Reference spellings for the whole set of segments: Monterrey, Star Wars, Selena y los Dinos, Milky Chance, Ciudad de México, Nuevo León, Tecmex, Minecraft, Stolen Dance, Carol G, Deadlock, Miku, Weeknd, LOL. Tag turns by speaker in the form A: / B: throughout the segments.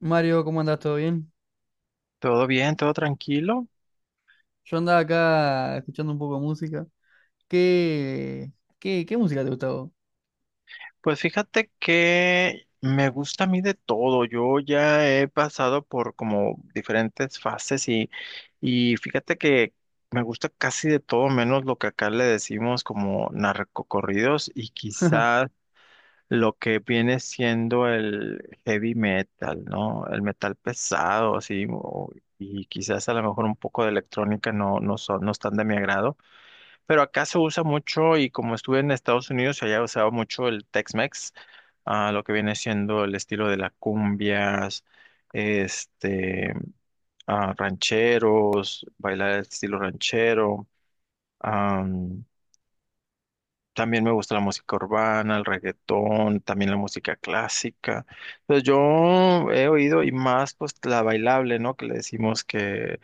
A: Mario, ¿cómo andás? ¿Todo bien?
B: Todo bien, todo tranquilo.
A: Yo andaba acá escuchando un poco de música. ¿Qué, qué música te gustaba?
B: Pues fíjate que me gusta a mí de todo. Yo ya he pasado por como diferentes fases y fíjate que me gusta casi de todo, menos lo que acá le decimos como narcocorridos y quizás lo que viene siendo el heavy metal, ¿no? El metal pesado, así, y quizás a lo mejor un poco de electrónica no son, no están de mi agrado. Pero acá se usa mucho y como estuve en Estados Unidos, se haya usado mucho el Tex-Mex, lo que viene siendo el estilo de las cumbias, este, rancheros, bailar el estilo ranchero. am, También me gusta la música urbana, el reggaetón, también la música clásica. Entonces yo he oído y más pues la bailable, ¿no? Que le decimos que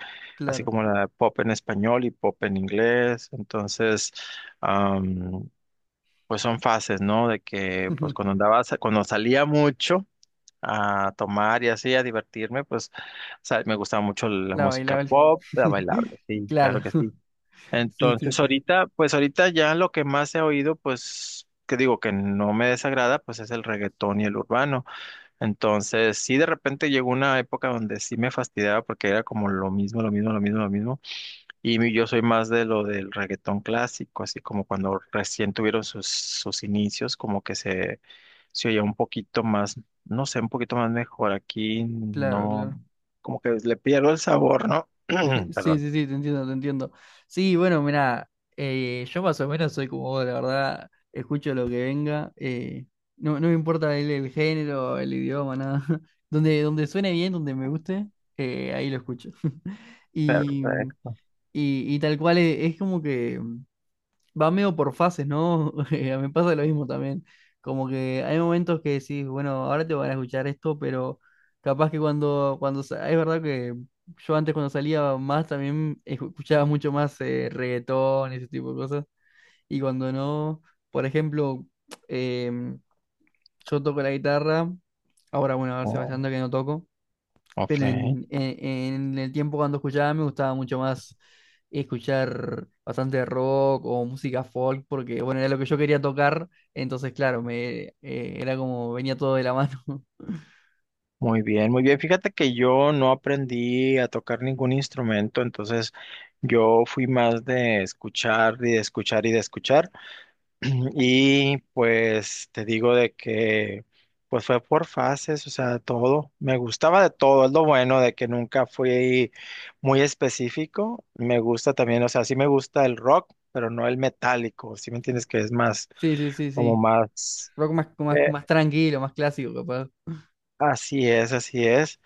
B: así
A: Claro.
B: como la pop en español y pop en inglés. Am, pues son fases, ¿no? De que pues cuando andaba, cuando salía mucho a tomar y así, a divertirme, pues me gustaba mucho la
A: La
B: música
A: bailable.
B: pop, la bailable, sí,
A: Claro.
B: claro que sí.
A: Sí, sí,
B: Entonces
A: sí.
B: ahorita, pues ahorita ya lo que más he oído, pues que digo que no me desagrada, pues es el reggaetón y el urbano. Entonces sí, de repente llegó una época donde sí me fastidiaba porque era como lo mismo, lo mismo, lo mismo, lo mismo. Yo soy más de lo del reggaetón clásico, así como cuando recién tuvieron sus inicios, se oía un poquito más, no sé, un poquito más mejor. Aquí
A: Claro,
B: no,
A: claro.
B: como que le pierdo el sabor, ¿no?
A: Sí, sí,
B: Perdón.
A: sí, te entiendo, te entiendo. Sí, bueno, mirá, yo más o menos soy como vos, la verdad, escucho lo que venga. No, no me importa el género, el idioma, nada. Donde suene bien, donde me guste, ahí lo escucho. Y.
B: Perfecto.
A: Y, y tal cual es, como que va medio por fases, ¿no? Me pasa lo mismo también. Como que hay momentos que decís, bueno, ahora te van a escuchar esto, pero capaz que cuando es verdad que yo antes cuando salía más también escuchaba mucho más reggaetón, ese tipo de cosas. Y cuando no, por ejemplo, em, yo toco la guitarra, ahora bueno, a ver,
B: Oh,
A: Sebastián, que no toco. Pero
B: ok.
A: en el tiempo cuando escuchaba me gustaba mucho más escuchar bastante rock o música folk, porque bueno, era lo que yo quería tocar, entonces claro, me era como venía todo de la mano.
B: Muy bien, muy bien. Fíjate que yo no aprendí a tocar ningún instrumento, entonces yo fui más de escuchar y de escuchar y de escuchar. Y pues te digo de que pues fue por fases, o sea, todo. Me gustaba de todo, es lo bueno de que nunca fui muy específico. Me gusta también, o sea, sí me gusta el rock, pero no el metálico, ¿sí me entiendes? Que es más,
A: Sí, sí, sí,
B: como
A: sí.
B: más,
A: Rock más, más,
B: eh,
A: más tranquilo, más clásico, capaz.
B: así es, así es.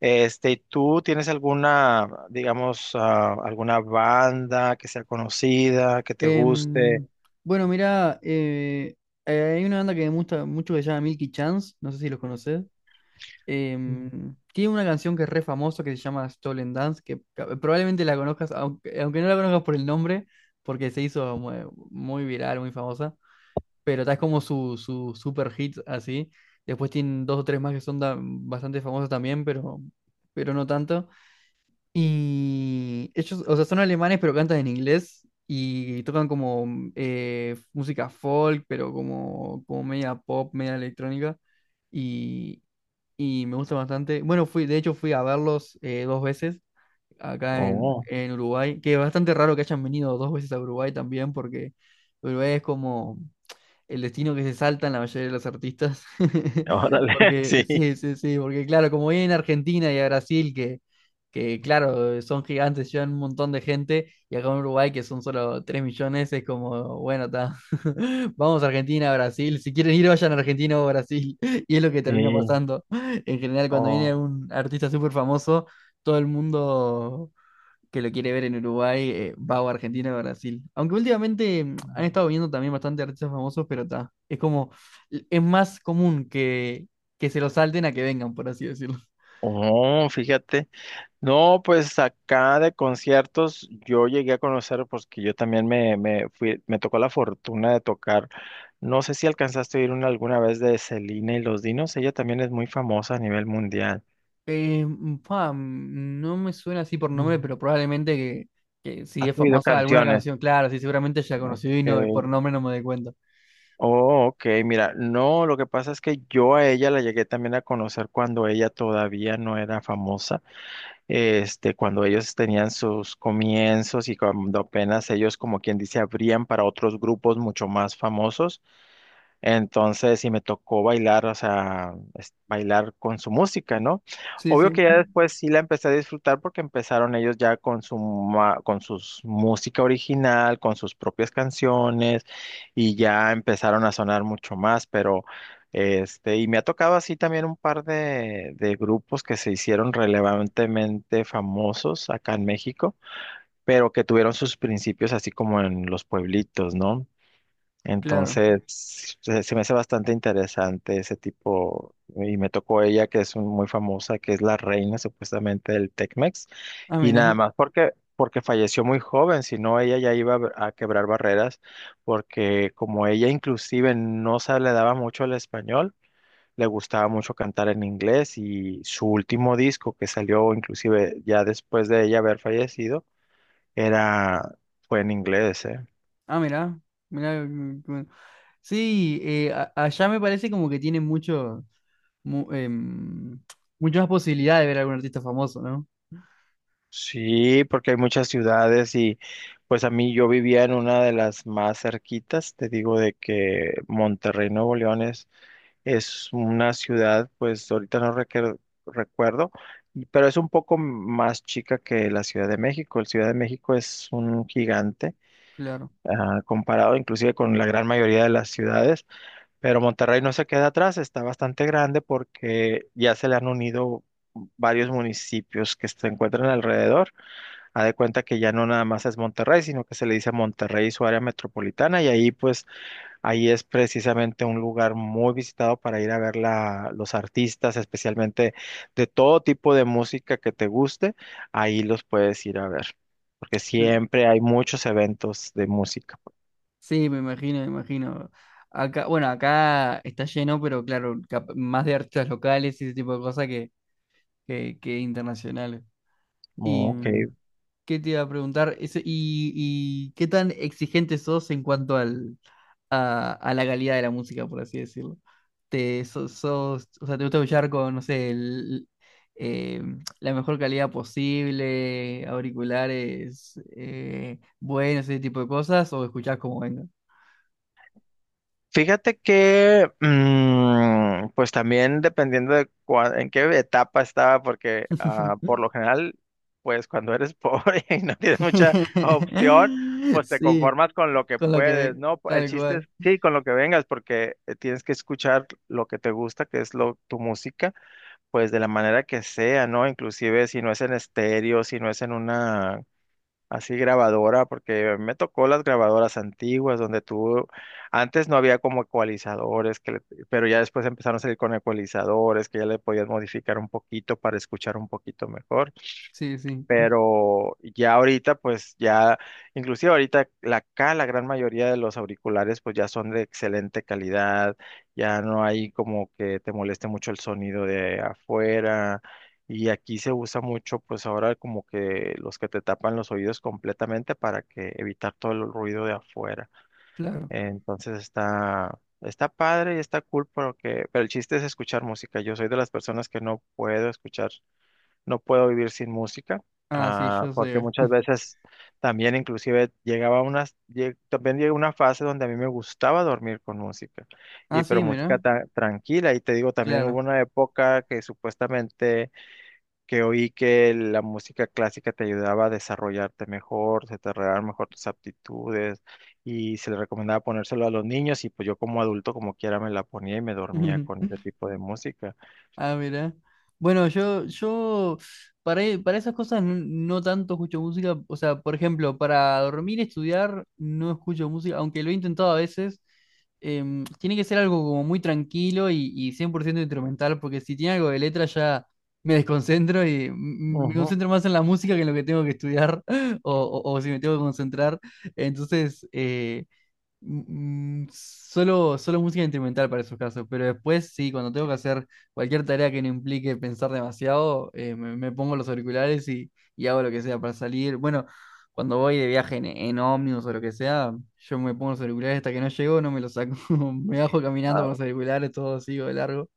B: Este, ¿y tú tienes alguna, digamos, alguna banda que sea conocida, que te guste?
A: Em, bueno, mira, hay una banda que me gusta mucho que se llama Milky Chance, no sé si los conoces.
B: Ujú.
A: Tiene una canción que es re famosa que se llama Stolen Dance, que probablemente la conozcas, aunque, aunque no la conozcas por el nombre, porque se hizo muy viral, muy famosa, pero tal es como su super hit así. Después tienen dos o tres más que son bastante famosas también, pero no tanto. Y ellos, o sea, son alemanes, pero cantan en inglés. Y tocan como música folk, pero como, como media pop, media electrónica y me gusta bastante. Bueno, fui, de hecho fui a verlos dos veces acá
B: Oh,
A: en Uruguay, que es bastante raro que hayan venido dos veces a Uruguay también, porque Uruguay es como el destino que se salta en la mayoría de los artistas.
B: órale,
A: Porque,
B: sí.
A: sí, sí, sí, porque claro, como viene en Argentina y a Brasil, que claro, son gigantes, llevan un montón de gente, y acá en Uruguay, que son solo 3 millones, es como, bueno, está, vamos a Argentina, Brasil, si quieren ir, vayan a Argentina o Brasil, y es lo que termina
B: Sí,
A: pasando. En general, cuando viene
B: oh,
A: un artista súper famoso, todo el mundo que lo quiere ver en Uruguay, va o a Argentina o a Brasil. Aunque últimamente han estado viendo también bastante artistas famosos, pero está. Es como, es más común que se lo salten a que vengan, por así decirlo.
B: oh, fíjate. No, pues acá de conciertos yo llegué a conocer, porque yo también me fui, me tocó la fortuna de tocar. No sé si alcanzaste a ir una alguna vez de Selena y los Dinos, ella también es muy famosa a nivel mundial.
A: No me suena así por
B: Mm.
A: nombre, pero probablemente que si
B: ¿Has
A: es
B: oído
A: famosa alguna
B: canciones?
A: canción, claro, sí, seguramente ya
B: Ok.
A: conocí y no, por nombre no me doy cuenta.
B: Oh, ok, mira, no, lo que pasa es que yo a ella la llegué también a conocer cuando ella todavía no era famosa. Este, cuando ellos tenían sus comienzos y cuando apenas ellos, como quien dice, abrían para otros grupos mucho más famosos. Entonces, sí me tocó bailar, o sea, bailar con su música, ¿no?
A: Sí,
B: Obvio
A: sí,
B: que ya después sí la empecé a disfrutar porque empezaron ellos ya con con sus música original, con sus propias canciones y ya empezaron a sonar mucho más, pero este, y me ha tocado así también un par de grupos que se hicieron relevantemente famosos acá en México, pero que tuvieron sus principios así como en los pueblitos, ¿no?
A: claro.
B: Entonces, se me hace bastante interesante ese tipo, y me tocó ella, que es muy famosa, que es la reina supuestamente del Tecmex,
A: Ah,
B: y nada
A: mira.
B: más porque, porque falleció muy joven, si no ella ya iba a, a quebrar barreras, porque como ella inclusive no se le daba mucho el español, le gustaba mucho cantar en inglés, y su último disco que salió inclusive ya después de ella haber fallecido, era, fue en inglés, ¿eh?
A: Ah, mirá, mirá. Bueno. Sí, allá me parece como que tienen mucho, mu- em, mucho más posibilidad de ver a algún artista famoso, ¿no?
B: Sí, porque hay muchas ciudades y pues a mí yo vivía en una de las más cerquitas, te digo de que Monterrey, Nuevo León es una ciudad, pues ahorita no requer- recuerdo, pero es un poco más chica que la Ciudad de México. La Ciudad de México es un gigante,
A: Claro.
B: comparado inclusive con la gran mayoría de las ciudades, pero Monterrey no se queda atrás, está bastante grande porque ya se le han unido varios municipios que se encuentran alrededor. Ha de cuenta que ya no nada más es Monterrey, sino que se le dice Monterrey y su área metropolitana, y ahí pues ahí es precisamente un lugar muy visitado para ir a ver los artistas, especialmente de todo tipo de música que te guste, ahí los puedes ir a ver, porque siempre hay muchos eventos de música. Pues.
A: Sí, me imagino, me imagino. Acá, bueno, acá está lleno, pero claro, más de artistas locales y ese tipo de cosas que internacionales. ¿Y
B: Ok.
A: qué te iba a preguntar? Y, y qué tan exigente sos en cuanto a la calidad de la música, por así decirlo. O sea, te gusta escuchar con, no sé, eh, la mejor calidad posible, auriculares buenos, ese tipo de cosas, o escuchás como venga.
B: Fíjate que, pues también dependiendo de en qué etapa estaba, porque por lo general, pues cuando eres pobre y no tienes mucha opción, pues te
A: Sí,
B: conformas con lo que
A: con lo que
B: puedes,
A: ve,
B: ¿no? El
A: tal
B: chiste es,
A: cual.
B: sí, con lo que vengas, porque tienes que escuchar lo que te gusta, que es tu música, pues de la manera que sea, ¿no? Inclusive si no es en estéreo, si no es en una así grabadora, porque me tocó las grabadoras antiguas donde tú, antes no había como ecualizadores, pero ya después empezaron a salir con ecualizadores que ya le podías modificar un poquito para escuchar un poquito mejor,
A: Sí, sí,
B: pero ya ahorita, pues ya, inclusive ahorita acá la gran mayoría de los auriculares pues ya son de excelente calidad, ya no hay como que te moleste mucho el sonido de afuera y aquí se usa mucho pues ahora como que los que te tapan los oídos completamente para que evitar todo el ruido de afuera.
A: claro.
B: Entonces está... Está padre y está cool, pero el chiste es escuchar música. Yo soy de las personas que no puedo escuchar, no puedo vivir sin música,
A: Ah, sí, yo
B: porque
A: sé.
B: muchas veces también inclusive llegaba a unas, también llegó una fase donde a mí me gustaba dormir con música,
A: Ah,
B: y pero
A: sí,
B: música
A: mira,
B: tranquila, y te digo, también hubo
A: claro.
B: una época que supuestamente que oí que la música clásica te ayudaba a desarrollarte mejor, se te arreglaban mejor tus aptitudes, y se le recomendaba ponérselo a los niños, y pues yo como adulto, como quiera, me la ponía y me dormía con ese tipo de música.
A: Ah, mira. Bueno, yo para, para esas cosas no, no tanto escucho música. O sea, por ejemplo, para dormir y estudiar no escucho música, aunque lo he intentado a veces. Tiene que ser algo como muy tranquilo y 100% instrumental, porque si tiene algo de letra ya me desconcentro y me
B: Ujú.
A: concentro más en la música que en lo que tengo que estudiar o, o si me tengo que concentrar. Entonces, solo música instrumental para esos casos, pero después sí, cuando tengo que hacer cualquier tarea que no implique pensar demasiado, me pongo los auriculares y hago lo que sea para salir. Bueno, cuando voy de viaje en ómnibus o lo que sea, yo me pongo los auriculares hasta que no llego, no me los saco, me bajo caminando con los auriculares, todo sigo de largo.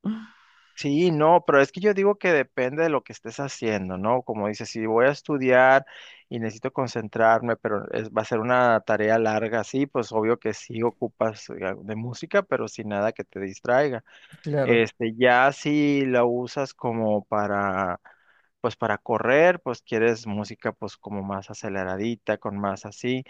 B: Sí, no, pero es que yo digo que depende de lo que estés haciendo, ¿no? Como dices, si voy a estudiar y necesito concentrarme, pero va a ser una tarea larga, sí, pues obvio que sí ocupas de música, pero sin nada que te distraiga.
A: Claro.
B: Este, ya si la usas como para, pues para correr, pues quieres música pues como más aceleradita, con más así.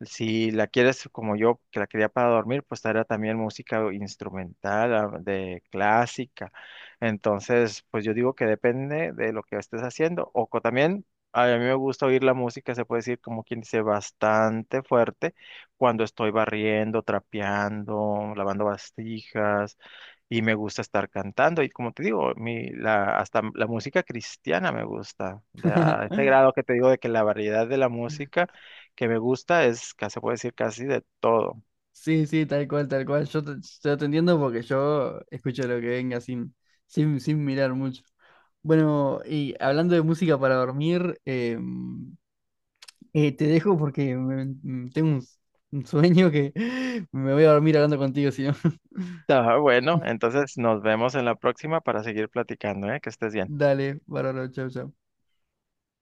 B: Si la quieres como yo, que la quería para dormir, pues era también música instrumental, de clásica. Entonces, pues yo digo que depende de lo que estés haciendo. O también, a mí me gusta oír la música, se puede decir como quien dice, bastante fuerte cuando estoy barriendo, trapeando, lavando bastijas y me gusta estar cantando. Y como te digo, hasta la música cristiana me gusta. De, a este grado que te digo de que la variedad de la música que me gusta es, se puede decir, casi de todo.
A: Sí, sí, tal cual, tal cual. Yo te entiendo porque yo escucho lo que venga sin mirar mucho. Bueno, y hablando de música para dormir, te dejo porque tengo un sueño que me voy a dormir hablando contigo, si no.
B: Ah, bueno, entonces nos vemos en la próxima para seguir platicando, ¿eh? Que estés bien.
A: Dale, bárbaro, chau, chau.